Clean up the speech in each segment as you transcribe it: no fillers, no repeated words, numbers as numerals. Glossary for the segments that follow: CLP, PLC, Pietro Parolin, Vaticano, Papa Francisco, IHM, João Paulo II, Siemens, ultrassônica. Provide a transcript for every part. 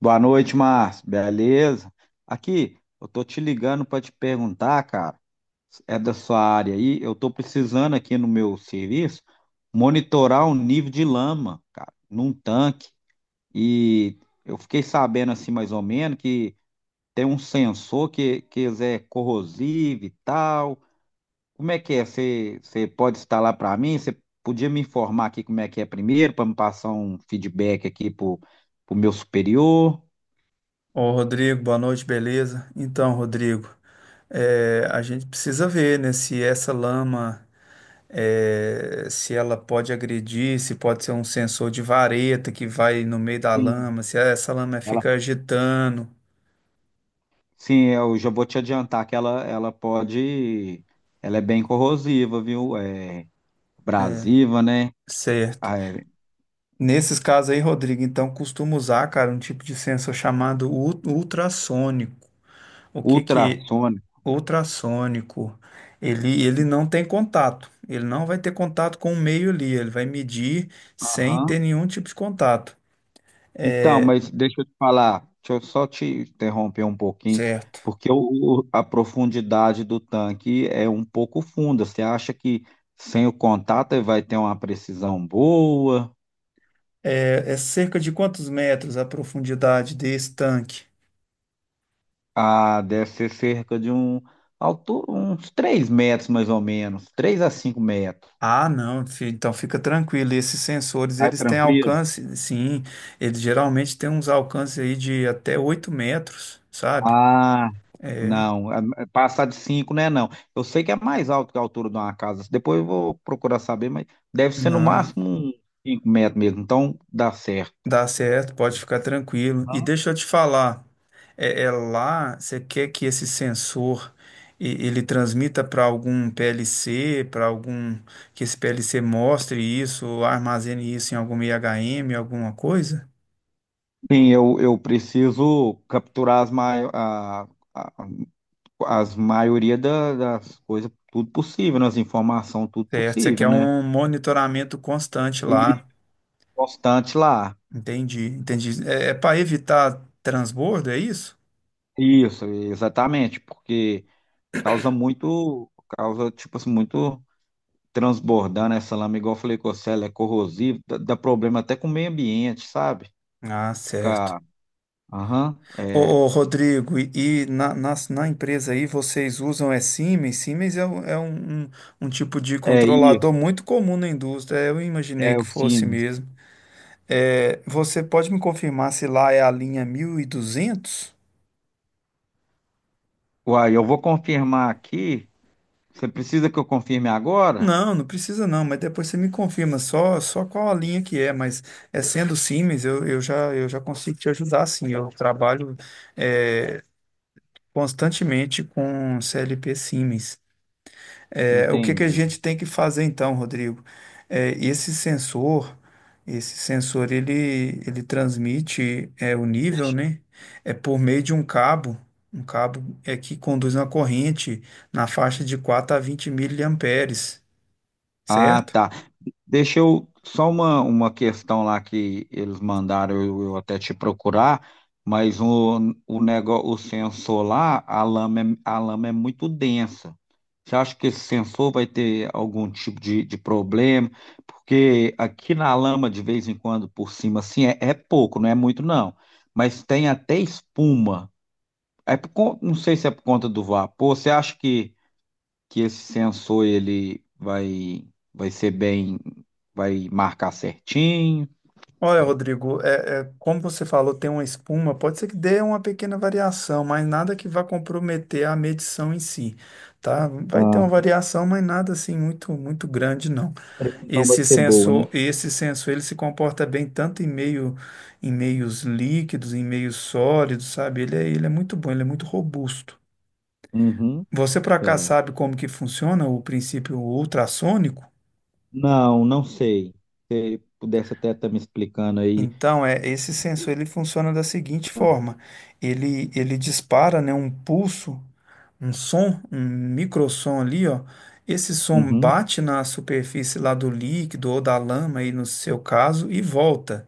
Boa noite, Márcio. Beleza? Aqui, eu tô te ligando para te perguntar, cara. É da sua área aí? Eu tô precisando aqui no meu serviço monitorar o nível de lama, cara, num tanque. E eu fiquei sabendo assim mais ou menos que tem um sensor que é corrosivo e tal. Como é que é? Você pode instalar para mim? Você podia me informar aqui como é que é primeiro para me passar um feedback aqui pro meu superior? Ô, Rodrigo, boa noite, beleza? Então, Rodrigo, a gente precisa ver, né, se essa lama, se ela pode agredir, se pode ser um sensor de vareta que vai no meio da Sim. lama, se essa lama fica agitando, Sim, eu já vou te adiantar que ela pode, ela é bem corrosiva, viu? É abrasiva, né? certo? Ah, é, Nesses casos aí, Rodrigo, então costumo usar, cara, um tipo de sensor chamado ultrassônico. O que que ultrassônica. ultrassônico, ele não tem contato. Ele não vai ter contato com o meio ali. Ele vai medir sem ter Aham. nenhum tipo de contato. Então, É, mas deixa eu te falar, deixa eu só te interromper um pouquinho, certo. porque a profundidade do tanque é um pouco funda. Você acha que sem o contato ele vai ter uma precisão boa? É, é cerca de quantos metros a profundidade desse tanque? Ah, deve ser cerca de um, altura, uns 3 metros mais ou menos, 3 a 5 metros. Ah, não, então fica tranquilo. Esses sensores, Vai eles têm tranquilo? alcance, sim, eles geralmente têm uns alcances aí de até 8 metros, sabe? Ah, não. Passar de 5, né? Não. Eu sei que é mais alto que a altura de uma casa. Depois eu vou procurar saber, mas deve ser no Não, máximo uns 5 metros mesmo. Então dá certo. dá certo, pode ficar tranquilo. E Aham. deixa eu te falar, é, é lá, você quer que esse sensor ele transmita para algum PLC, para algum que esse PLC mostre isso, ou armazene isso em algum IHM, alguma coisa? Sim, eu preciso capturar a- as maioria das coisas, tudo possível, né? As informações, tudo Certo, você possível, quer né? um monitoramento constante E lá. constante lá. Entendi, entendi. É, é para evitar transbordo, é isso? Isso, exatamente, porque causa muito, causa, tipo assim, muito. Transbordando essa lama, igual eu falei com você, ela é corrosiva, dá problema até com o meio ambiente, sabe? Ah, certo. Fica, aham, Ô, é, ô, Rodrigo, e na empresa aí vocês usam é Siemens? Siemens é, um, é um tipo de é isso, controlador muito comum na indústria, eu imaginei é que o fosse Siemens. mesmo. É, você pode me confirmar se lá é a linha 1200? Uai, eu vou confirmar aqui. Você precisa que eu confirme agora? Não, não precisa não, mas depois você me confirma só, só qual a linha que é, mas é sendo Siemens, eu já, eu já consigo te ajudar sim, eu trabalho é, constantemente com CLP Siemens. É, o que que a Entendi. gente tem que fazer então, Rodrigo? É, esse sensor, ele transmite é, o nível, Deixa- né? É por meio de um cabo é que conduz uma corrente na faixa de 4 a 20 miliamperes, ah, certo? tá. Deixa eu só uma questão lá que eles mandaram eu até te procurar, mas o negócio, o sensor lá, a lama é muito densa. Você acha que esse sensor vai ter algum tipo de problema? Porque aqui na lama, de vez em quando, por cima, assim, é pouco, não é muito, não. Mas tem até espuma. É não sei se é por conta do vapor. Você acha que esse sensor ele vai ser bem, vai marcar certinho. Olha, Rodrigo, é, é, como você falou, tem uma espuma, pode ser que dê uma pequena variação, mas nada que vá comprometer a medição em si, tá? Vai ter A uma variação, mas nada assim muito, muito grande, não. precisão vai Esse ser boa, né? sensor, esse sensor, ele se comporta bem tanto em meio, em meios líquidos, em meios sólidos, sabe? Ele é muito bom, ele é muito robusto. Uhum, Você por acaso é. sabe como que funciona o princípio ultrassônico? Não, não sei. Se pudesse até estar me explicando aí. Então, é, esse sensor ele funciona da seguinte forma: ele dispara, né, um pulso, um som, um microsom ali, ó. Esse som Uhum. bate na superfície lá do líquido ou da lama, aí no seu caso, e volta,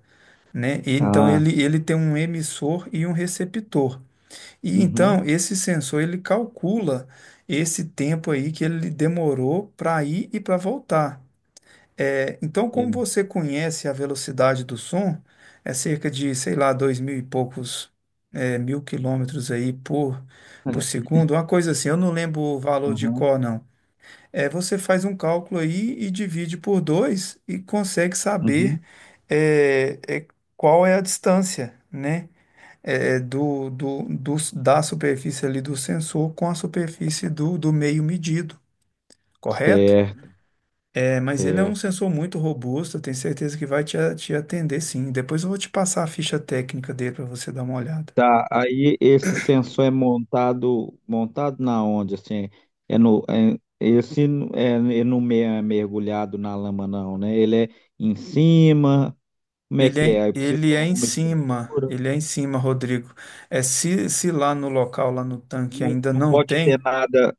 né? E então, Ah, ele tem um emissor e um receptor. E uhum. então, esse sensor ele calcula esse tempo aí que ele demorou para ir e para voltar. É, então, como É. você conhece a velocidade do som, é cerca de, sei lá, dois mil e poucos é, mil quilômetros aí por segundo, uma coisa assim, eu não lembro o valor de Uhum. cor, não. É, você faz um cálculo aí e divide por dois e consegue saber Uhum. é, é, qual é a distância, né? É, da superfície ali do sensor com a superfície do meio medido, correto? Certo. É, mas ele é um Certo. sensor muito robusto, eu tenho certeza que vai te, te atender sim. Depois eu vou te passar a ficha técnica dele para você dar uma olhada. Tá, aí esse sensor é montado, montado na onde, assim, é no, é- esse n- é, ele não me- é mergulhado na lama não, né? Ele é em cima, como é Ele que é, é? Aí precisa de ele é em alguma cima, estrutura, ele é em cima, Rodrigo. É se, se lá no local, lá no tanque não, ainda não não pode ter tem, nada,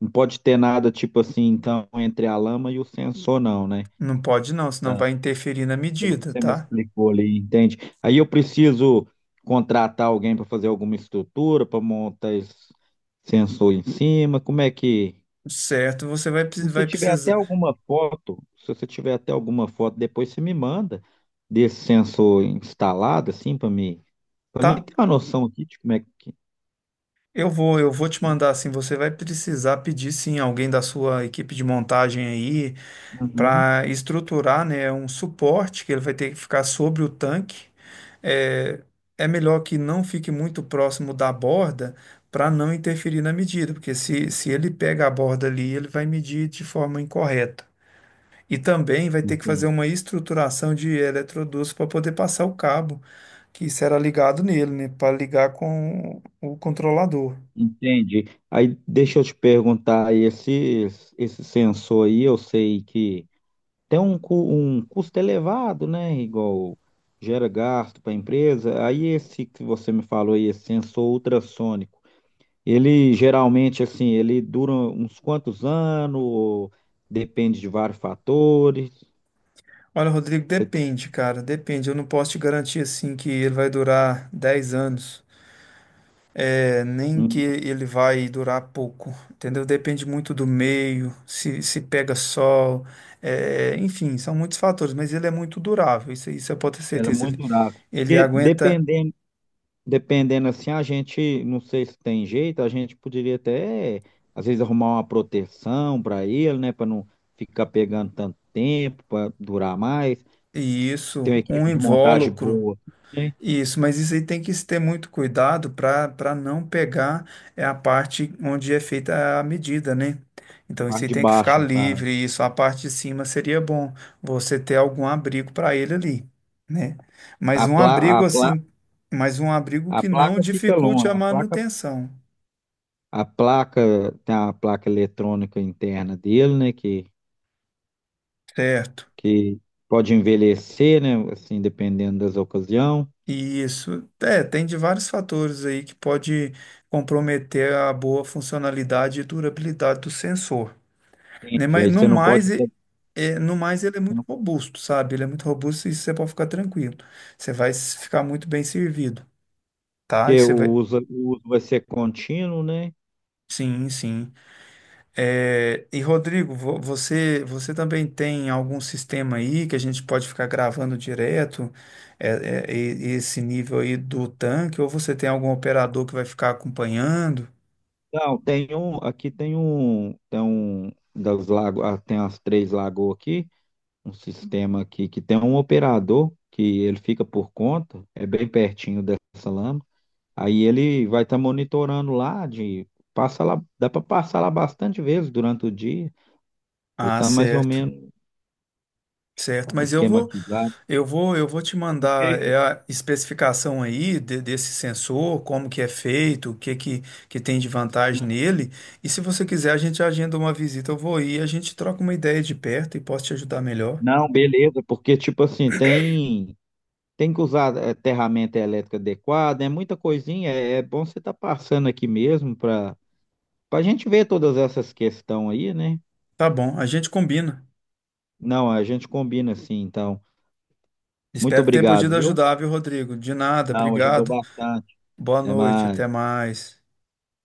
não pode ter nada tipo assim, então, entre a lama e o sensor não, né? não pode não, senão Tá. vai interferir na Pelo que medida, você me tá? explicou ali, entende? Aí eu preciso contratar alguém para fazer alguma estrutura, para montar esse sensor em cima, como é que. Certo, você vai, Se você vai tiver até precisar, alguma foto, se você tiver até alguma foto, depois você me manda desse sensor instalado, assim, para mim tá? ter uma noção aqui de como é que. Eu vou te mandar assim, você vai precisar pedir sim alguém da sua equipe de montagem aí, Uhum. para estruturar, né, um suporte que ele vai ter que ficar sobre o tanque. É, é melhor que não fique muito próximo da borda para não interferir na medida, porque se ele pega a borda ali, ele vai medir de forma incorreta. E também vai ter que fazer Entendi. uma estruturação de eletrodutos para poder passar o cabo que será ligado nele, né, para ligar com o controlador. Entendi. Aí deixa eu te perguntar, esse sensor aí, eu sei que tem um, um custo elevado, né? Igual gera gasto para a empresa. Aí esse que você me falou aí, esse sensor ultrassônico. Ele geralmente, assim, ele dura uns quantos anos, depende de vários fatores. Olha, Rodrigo, Você tem, depende, cara, depende. Eu não posso te garantir assim que ele vai durar 10 anos. É, nem que hum, ele vai durar pouco, entendeu? Depende muito do meio, se pega sol, é, enfim, são muitos fatores, mas ele é muito durável, isso eu posso ter ela é certeza. muito Ele, durável. ele Porque aguenta dependendo, dependendo assim, a gente, não sei se tem jeito, a gente poderia até, às vezes, arrumar uma proteção para ele, né, para não ficar pegando tanto tempo, para durar mais. isso, Tem uma um equipe de montagem invólucro. boa, né? Isso, mas isso aí tem que se ter muito cuidado para não pegar é a parte onde é feita a medida, né? Então isso aí Parte de tem que ficar baixo, no caso. livre, isso, a parte de cima seria bom você ter algum abrigo para ele ali, né? Mas A um pla, a abrigo pla, assim, mas um abrigo a que não placa fica dificulte a longa, manutenção, a placa tem a placa eletrônica interna dele, né? Certo? Que pode envelhecer, né? Assim, dependendo das ocasiões. E isso, é, tem de vários fatores aí que pode comprometer a boa funcionalidade e durabilidade do sensor. Né? Entendi. Mas Aí no você não mais, pode ter, é, no mais ele é muito robusto, sabe? Ele é muito robusto e você pode ficar tranquilo. Você vai ficar muito bem servido, tá? E porque você vai. O uso vai ser contínuo, né? Sim, sim. É, e Rodrigo, você, você também tem algum sistema aí que a gente pode ficar gravando direto é, é, esse nível aí do tanque, ou você tem algum operador que vai ficar acompanhando? Não, tem um, aqui tem um das lago, ah, tem as três lagoas aqui, um sistema aqui que tem um operador que ele fica por conta, é bem pertinho dessa lama. Aí ele vai estar monitorando lá de passa lá, dá para passar lá bastante vezes durante o dia, já Ah, está mais ou certo, menos certo. Mas eu vou esquematizado. eu vou te mandar Porque é, a especificação aí desse sensor, como que é feito, o que que tem de vantagem nele. E se você quiser, a gente agenda uma visita, eu vou ir, a gente troca uma ideia de perto e posso te ajudar melhor. não, beleza, porque tipo assim, tem tem que usar ferramenta elétrica adequada, é muita coisinha, é, é bom você estar passando aqui mesmo para para a gente ver todas essas questões aí, né? Tá bom, a gente combina. Não, a gente combina assim, então. Muito Espero ter obrigado, podido viu? ajudar, viu, Rodrigo? De nada, Não, ajudou obrigado. bastante. Boa Até noite, até mais. mais.